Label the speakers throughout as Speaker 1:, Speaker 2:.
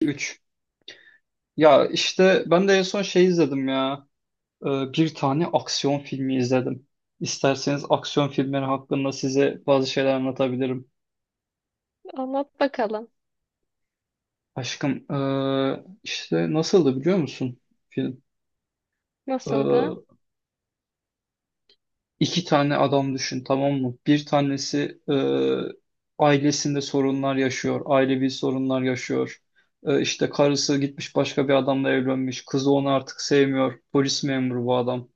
Speaker 1: 3. Ya işte ben de en son şey izledim ya. Bir tane aksiyon filmi izledim. İsterseniz aksiyon filmleri hakkında size bazı şeyler anlatabilirim.
Speaker 2: Anlat bakalım.
Speaker 1: Aşkım işte nasıldı biliyor musun film?
Speaker 2: Nasıldı?
Speaker 1: Ee, iki tane adam düşün, tamam mı? Bir tanesi ailesinde sorunlar yaşıyor. Ailevi sorunlar yaşıyor. İşte karısı gitmiş, başka bir adamla evlenmiş. Kızı onu artık sevmiyor. Polis memuru bu adam.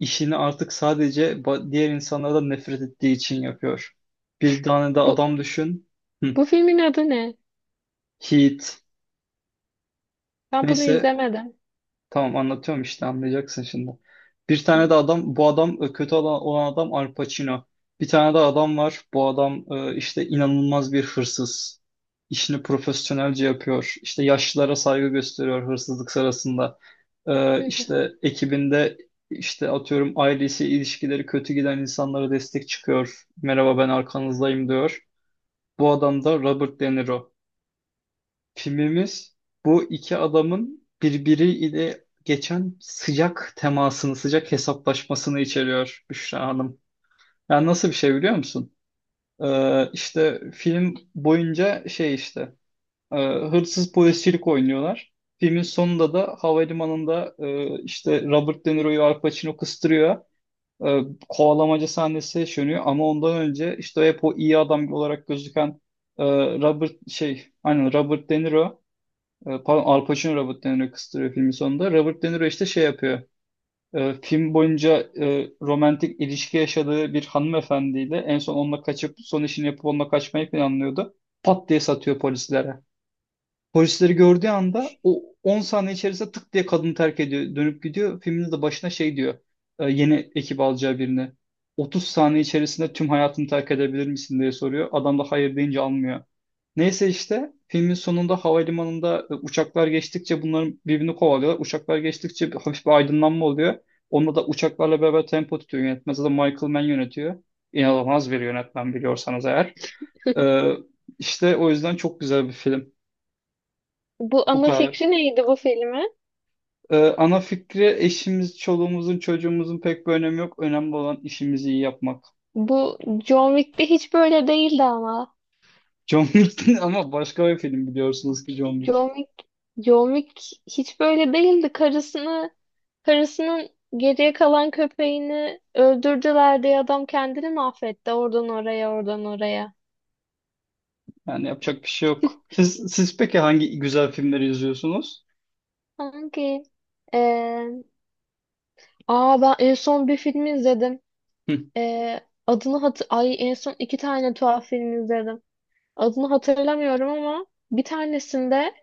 Speaker 1: İşini artık sadece diğer insanlardan nefret ettiği için yapıyor. Bir tane de
Speaker 2: Bu
Speaker 1: adam düşün. Hı.
Speaker 2: bu filmin adı ne?
Speaker 1: Heat.
Speaker 2: Ben bunu
Speaker 1: Neyse,
Speaker 2: izlemedim.
Speaker 1: tamam, anlatıyorum işte, anlayacaksın şimdi. Bir tane de
Speaker 2: Evet.
Speaker 1: adam, bu adam kötü olan adam, Al Pacino. Bir tane de adam var, bu adam işte inanılmaz bir hırsız. İşini profesyonelce yapıyor. İşte yaşlılara saygı gösteriyor hırsızlık sırasında.
Speaker 2: Hı hı.
Speaker 1: İşte ekibinde, işte atıyorum, ailesi, ilişkileri kötü giden insanlara destek çıkıyor. Merhaba, ben arkanızdayım diyor. Bu adam da Robert De Niro. Filmimiz bu iki adamın birbiriyle geçen sıcak temasını, sıcak hesaplaşmasını içeriyor Büşra Hanım. Yani nasıl bir şey biliyor musun? İşte film boyunca şey işte hırsız polisçilik oynuyorlar. Filmin sonunda da havalimanında işte Robert De Niro'yu Al Pacino kıstırıyor. E, Kovalamaca sahnesi yaşanıyor ama ondan önce işte hep o iyi adam olarak gözüken e, Robert şey, aynen, Robert De Niro pardon, Al Pacino Robert De Niro'yu kıstırıyor filmin sonunda. Robert De Niro işte şey yapıyor. Film boyunca romantik ilişki yaşadığı bir hanımefendiyle en son onunla kaçıp, son işini yapıp onunla kaçmayı planlıyordu. Pat diye satıyor polislere. Polisleri gördüğü anda o 10 saniye içerisinde tık diye kadını terk ediyor. Dönüp gidiyor. Filmin de başına şey diyor. Yeni ekip alacağı birini. 30 saniye içerisinde tüm hayatını terk edebilir misin diye soruyor. Adam da hayır deyince almıyor. Neyse, işte filmin sonunda havalimanında uçaklar geçtikçe bunların birbirini kovalıyorlar. Uçaklar geçtikçe bir, hafif bir aydınlanma oluyor. Onunla da uçaklarla beraber tempo tutuyor yönetmen. Zaten Michael Mann yönetiyor. İnanılmaz bir yönetmen, biliyorsanız eğer. Ee, işte o yüzden çok güzel bir film.
Speaker 2: Bu
Speaker 1: Bu
Speaker 2: ana
Speaker 1: kadar.
Speaker 2: fikri neydi bu filmin?
Speaker 1: Ana fikri, eşimiz, çoluğumuzun, çocuğumuzun pek bir önemi yok. Önemli olan işimizi iyi yapmak.
Speaker 2: Bu John Wick'te hiç böyle değildi ama.
Speaker 1: John Wick ama başka bir film biliyorsunuz ki John Wick.
Speaker 2: John Wick, John Wick hiç böyle değildi. Karısının geriye kalan köpeğini öldürdüler diye adam kendini mahvetti. Oradan oraya, oradan oraya.
Speaker 1: Yani yapacak bir şey yok. Siz peki hangi güzel filmleri izliyorsunuz?
Speaker 2: Hangi? Ee, aa ben en son bir film izledim.
Speaker 1: Hı.
Speaker 2: Ee, adını hatır Ay en son iki tane tuhaf film izledim. Adını hatırlamıyorum ama bir tanesinde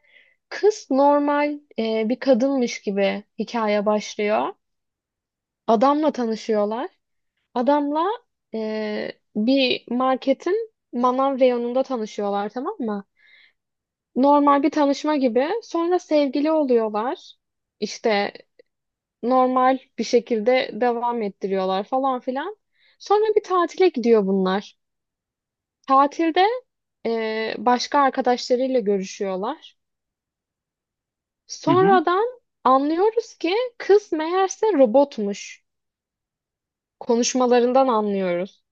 Speaker 2: kız normal bir kadınmış gibi hikaye başlıyor. Adamla tanışıyorlar. Adamla bir marketin manav reyonunda tanışıyorlar, tamam mı? Normal bir tanışma gibi. Sonra sevgili oluyorlar. İşte normal bir şekilde devam ettiriyorlar falan filan. Sonra bir tatile gidiyor bunlar. Tatilde başka arkadaşlarıyla görüşüyorlar.
Speaker 1: Hı hı,
Speaker 2: Sonradan anlıyoruz ki kız meğerse robotmuş. Konuşmalarından anlıyoruz.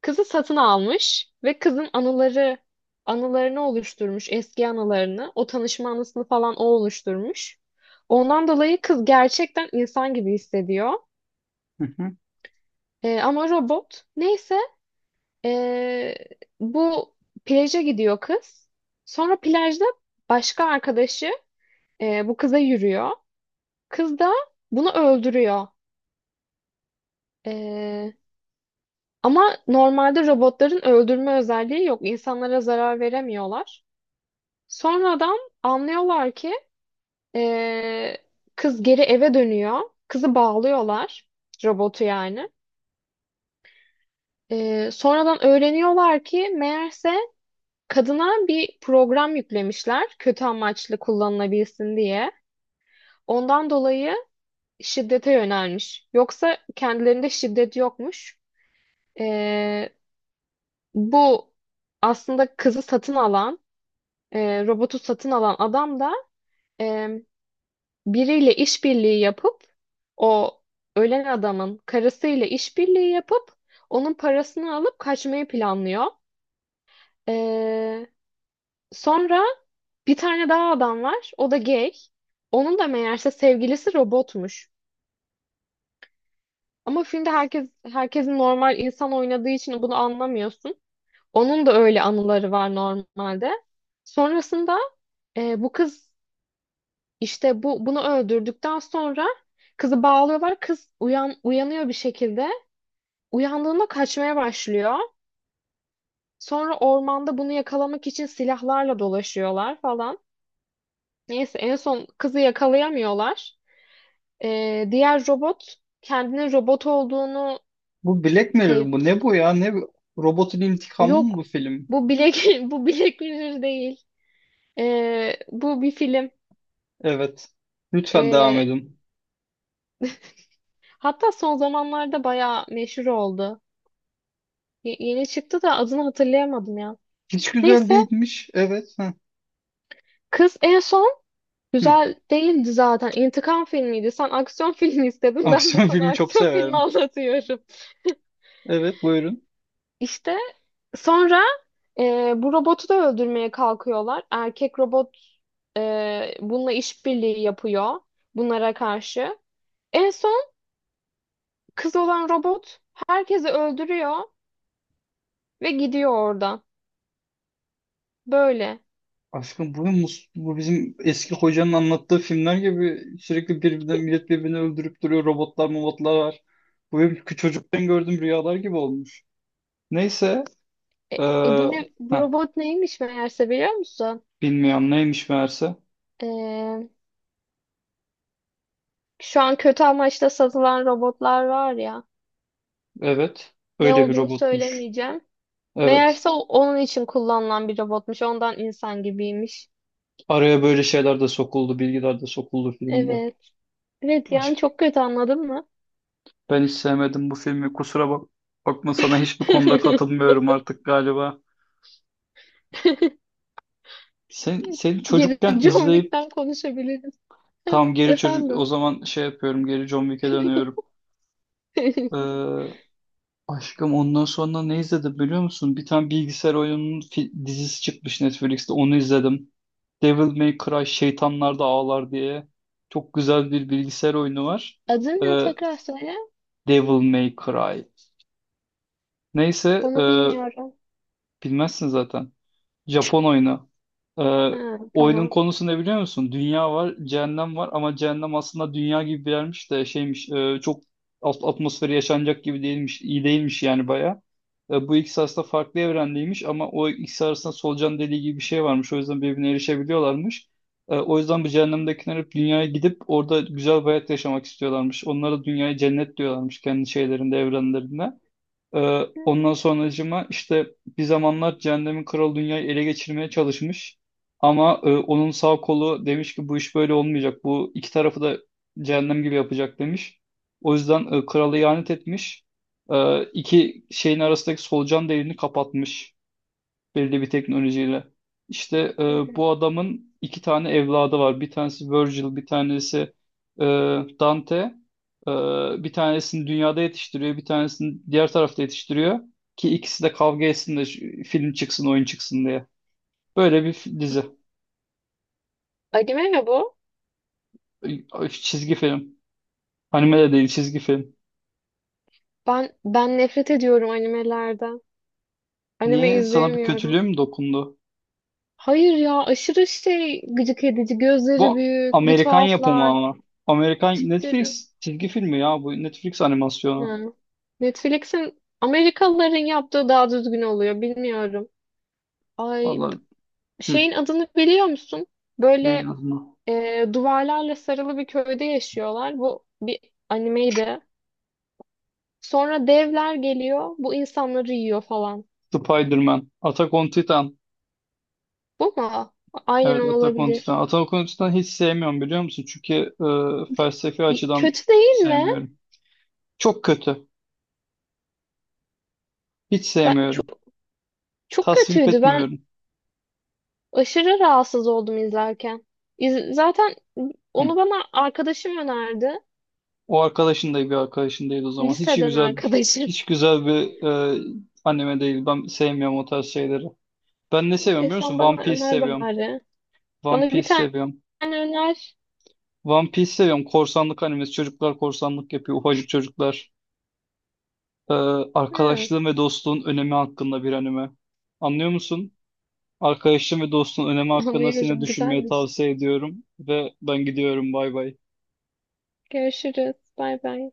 Speaker 2: Kızı satın almış ve kızın anılarını oluşturmuş, eski anılarını. O tanışma anısını falan o oluşturmuş. Ondan dolayı kız gerçekten insan gibi hissediyor.
Speaker 1: hı hı.
Speaker 2: E, ama robot. Neyse e, bu plaja gidiyor kız. Sonra plajda başka arkadaşı bu kıza yürüyor. Kız da bunu öldürüyor. Ee, ama normalde robotların öldürme özelliği yok. İnsanlara zarar veremiyorlar. Sonradan anlıyorlar ki ee, kız geri eve dönüyor. Kızı bağlıyorlar. Robotu yani. Sonradan öğreniyorlar ki meğerse kadına bir program yüklemişler. Kötü amaçlı kullanılabilsin diye. Ondan dolayı şiddete yönelmiş. Yoksa kendilerinde şiddet yokmuş. Ee, Bu aslında robotu satın alan adam da e, biriyle işbirliği yapıp o ölen adamın karısıyla işbirliği yapıp onun parasını alıp kaçmayı planlıyor. E, sonra bir tane daha adam var. O da gay. Onun da meğerse sevgilisi robotmuş. Ama filmde herkes herkesin normal insan oynadığı için bunu anlamıyorsun. Onun da öyle anıları var normalde. Sonrasında e, bu kız İşte bu bunu öldürdükten sonra kızı bağlıyorlar. Kız uyanıyor bir şekilde. Uyandığında kaçmaya başlıyor. Sonra ormanda bunu yakalamak için silahlarla dolaşıyorlar falan. Neyse en son kızı yakalayamıyorlar. Diğer robot kendinin robot olduğunu
Speaker 1: Bu Black Mirror
Speaker 2: sev
Speaker 1: bu, ne bu ya? Ne bu? Robotun intikamı mı bu
Speaker 2: yok,
Speaker 1: film?
Speaker 2: bu bilek bu Black Mirror değil. Bu bir film.
Speaker 1: Evet. Lütfen devam
Speaker 2: Ee,
Speaker 1: edin.
Speaker 2: hatta son zamanlarda bayağı meşhur oldu. Yeni çıktı da adını hatırlayamadım ya.
Speaker 1: Hiç güzel
Speaker 2: Neyse,
Speaker 1: değilmiş. Evet. Hı.
Speaker 2: kız en son
Speaker 1: Hı.
Speaker 2: güzel değildi zaten. İntikam filmiydi. Sen aksiyon filmi istedin. Ben de
Speaker 1: Aksiyon
Speaker 2: sana
Speaker 1: filmi çok
Speaker 2: aksiyon filmi
Speaker 1: severim.
Speaker 2: anlatıyorum.
Speaker 1: Evet, buyurun.
Speaker 2: İşte sonra bu robotu da öldürmeye kalkıyorlar. Erkek robot bununla işbirliği yapıyor bunlara karşı. En son kız olan robot herkesi öldürüyor ve gidiyor oradan. Böyle.
Speaker 1: Aşkım bu, bu bizim eski hocanın anlattığı filmler gibi sürekli birbirinden millet birbirini öldürüp duruyor. Robotlar, mobotlar var. Bu benim çocukken gördüğüm rüyalar gibi olmuş. Neyse.
Speaker 2: E,
Speaker 1: Ee,
Speaker 2: bu
Speaker 1: Heh,
Speaker 2: robot neymiş meğerse biliyor musun?
Speaker 1: bilmiyorum neymiş meğerse.
Speaker 2: E, şu an kötü amaçla satılan robotlar var ya.
Speaker 1: Evet.
Speaker 2: Ne
Speaker 1: Öyle bir
Speaker 2: olduğunu
Speaker 1: robotmuş.
Speaker 2: söylemeyeceğim.
Speaker 1: Evet.
Speaker 2: Meğerse onun için kullanılan bir robotmuş. Ondan insan gibiymiş.
Speaker 1: Araya böyle şeyler de sokuldu, bilgiler de sokuldu filmde.
Speaker 2: Evet. Evet, yani
Speaker 1: Aşk
Speaker 2: çok kötü, anladın mı?
Speaker 1: Ben hiç sevmedim bu filmi. Kusura bak Bakma, sana hiçbir konuda katılmıyorum artık galiba. Sen, seni
Speaker 2: Geri
Speaker 1: çocukken
Speaker 2: John
Speaker 1: izleyip
Speaker 2: Wick'ten konuşabiliriz.
Speaker 1: tam geri çocuk o
Speaker 2: Efendim.
Speaker 1: zaman şey yapıyorum, geri John Wick'e dönüyorum. Ee, Aşkım, ondan sonra ne izledim biliyor musun? Bir tane bilgisayar oyununun dizisi çıkmış Netflix'te, onu izledim. Devil May Cry, Şeytanlar da Ağlar diye. Çok güzel bir bilgisayar oyunu var.
Speaker 2: Adı ne,
Speaker 1: Ee,
Speaker 2: tekrar söyle.
Speaker 1: Devil May Cry. Neyse.
Speaker 2: Onu bilmiyorum.
Speaker 1: Bilmezsin zaten. Japon oyunu. Ee,
Speaker 2: Ha,
Speaker 1: Oyunun
Speaker 2: tamam.
Speaker 1: konusu ne biliyor musun? Dünya var, cehennem var ama cehennem aslında dünya gibi bir yermiş de şeymiş, çok alt atmosferi yaşanacak gibi değilmiş, iyi değilmiş yani baya. Bu ikisi aslında farklı evrendeymiş ama o ikisi arasında solucan deliği gibi bir şey varmış. O yüzden birbirine erişebiliyorlarmış. O yüzden bu cehennemdekiler hep dünyaya gidip orada güzel bir hayat yaşamak istiyorlarmış. Onlara dünyayı cennet diyorlarmış kendi şeylerinde, evrenlerinde. Ondan sonracığıma işte bir zamanlar Cehennemin Kralı dünyayı ele geçirmeye çalışmış. Ama onun sağ kolu demiş ki bu iş böyle olmayacak. Bu iki tarafı da cehennem gibi yapacak demiş. O yüzden kralı ihanet etmiş. İki şeyin arasındaki solucan deliğini kapatmış belirli bir teknolojiyle. İşte
Speaker 2: Hı hı.
Speaker 1: bu adamın iki tane evladı var. Bir tanesi Virgil, bir tanesi e, Dante. E, Bir tanesini dünyada yetiştiriyor, bir tanesini diğer tarafta yetiştiriyor. Ki ikisi de kavga etsin de film çıksın, oyun çıksın diye. Böyle bir dizi.
Speaker 2: Anime mi bu?
Speaker 1: Çizgi film. Anime de değil, çizgi film.
Speaker 2: Ben nefret ediyorum animelerden. Anime
Speaker 1: Niye? Sana bir
Speaker 2: izleyemiyorum.
Speaker 1: kötülüğüm dokundu.
Speaker 2: Hayır ya, aşırı şey gıcık edici. Gözleri
Speaker 1: Bu
Speaker 2: büyük, bir
Speaker 1: Amerikan yapımı
Speaker 2: tuhaflar,
Speaker 1: ama. Amerikan
Speaker 2: tipleri.
Speaker 1: Netflix çizgi filmi ya bu. Netflix animasyonu.
Speaker 2: Yani Netflix'in, Amerikalıların yaptığı daha düzgün oluyor, bilmiyorum. Ay b-
Speaker 1: Vallahi. Hı.
Speaker 2: şeyin adını biliyor musun?
Speaker 1: Neyin
Speaker 2: Böyle
Speaker 1: adı?
Speaker 2: duvarlarla sarılı bir köyde yaşıyorlar. Bu bir animeydi. Sonra devler geliyor, bu insanları yiyor falan.
Speaker 1: Spider-Man, Attack on Titan.
Speaker 2: Bu mu? Aynen
Speaker 1: Evet,
Speaker 2: o
Speaker 1: Attack on Titan.
Speaker 2: olabilir.
Speaker 1: Attack on Titan hiç sevmiyorum biliyor musun? Çünkü
Speaker 2: D-
Speaker 1: felsefi açıdan
Speaker 2: Kötü değil mi?
Speaker 1: sevmiyorum. Çok kötü. Hiç
Speaker 2: Ben
Speaker 1: sevmiyorum.
Speaker 2: çok çok
Speaker 1: Tasvip
Speaker 2: kötüydü. Ben
Speaker 1: etmiyorum.
Speaker 2: aşırı rahatsız oldum izlerken. Zaten
Speaker 1: Hı.
Speaker 2: onu bana arkadaşım önerdi.
Speaker 1: O arkadaşın da bir arkadaşın değil o zaman. Hiç
Speaker 2: Liseden
Speaker 1: güzel bir,
Speaker 2: arkadaşım.
Speaker 1: hiç güzel bir e, anime değil. Ben sevmiyorum o tarz şeyleri. Ben ne seviyorum
Speaker 2: E,
Speaker 1: biliyor
Speaker 2: sen
Speaker 1: musun?
Speaker 2: bana
Speaker 1: One Piece
Speaker 2: öner
Speaker 1: seviyorum.
Speaker 2: bari.
Speaker 1: One
Speaker 2: Bana bir
Speaker 1: Piece
Speaker 2: tane
Speaker 1: seviyorum.
Speaker 2: öner.
Speaker 1: One Piece seviyorum. Korsanlık animesi. Çocuklar korsanlık yapıyor. Ufacık çocuklar. Ee,
Speaker 2: Ha,
Speaker 1: Arkadaşlığın ve dostluğun önemi hakkında bir anime. Anlıyor musun? Arkadaşlığın ve dostluğun önemi hakkında seni
Speaker 2: anlıyorum.
Speaker 1: düşünmeye
Speaker 2: Güzelmiş.
Speaker 1: tavsiye ediyorum ve ben gidiyorum. Bay bay.
Speaker 2: Görüşürüz. Bay bay.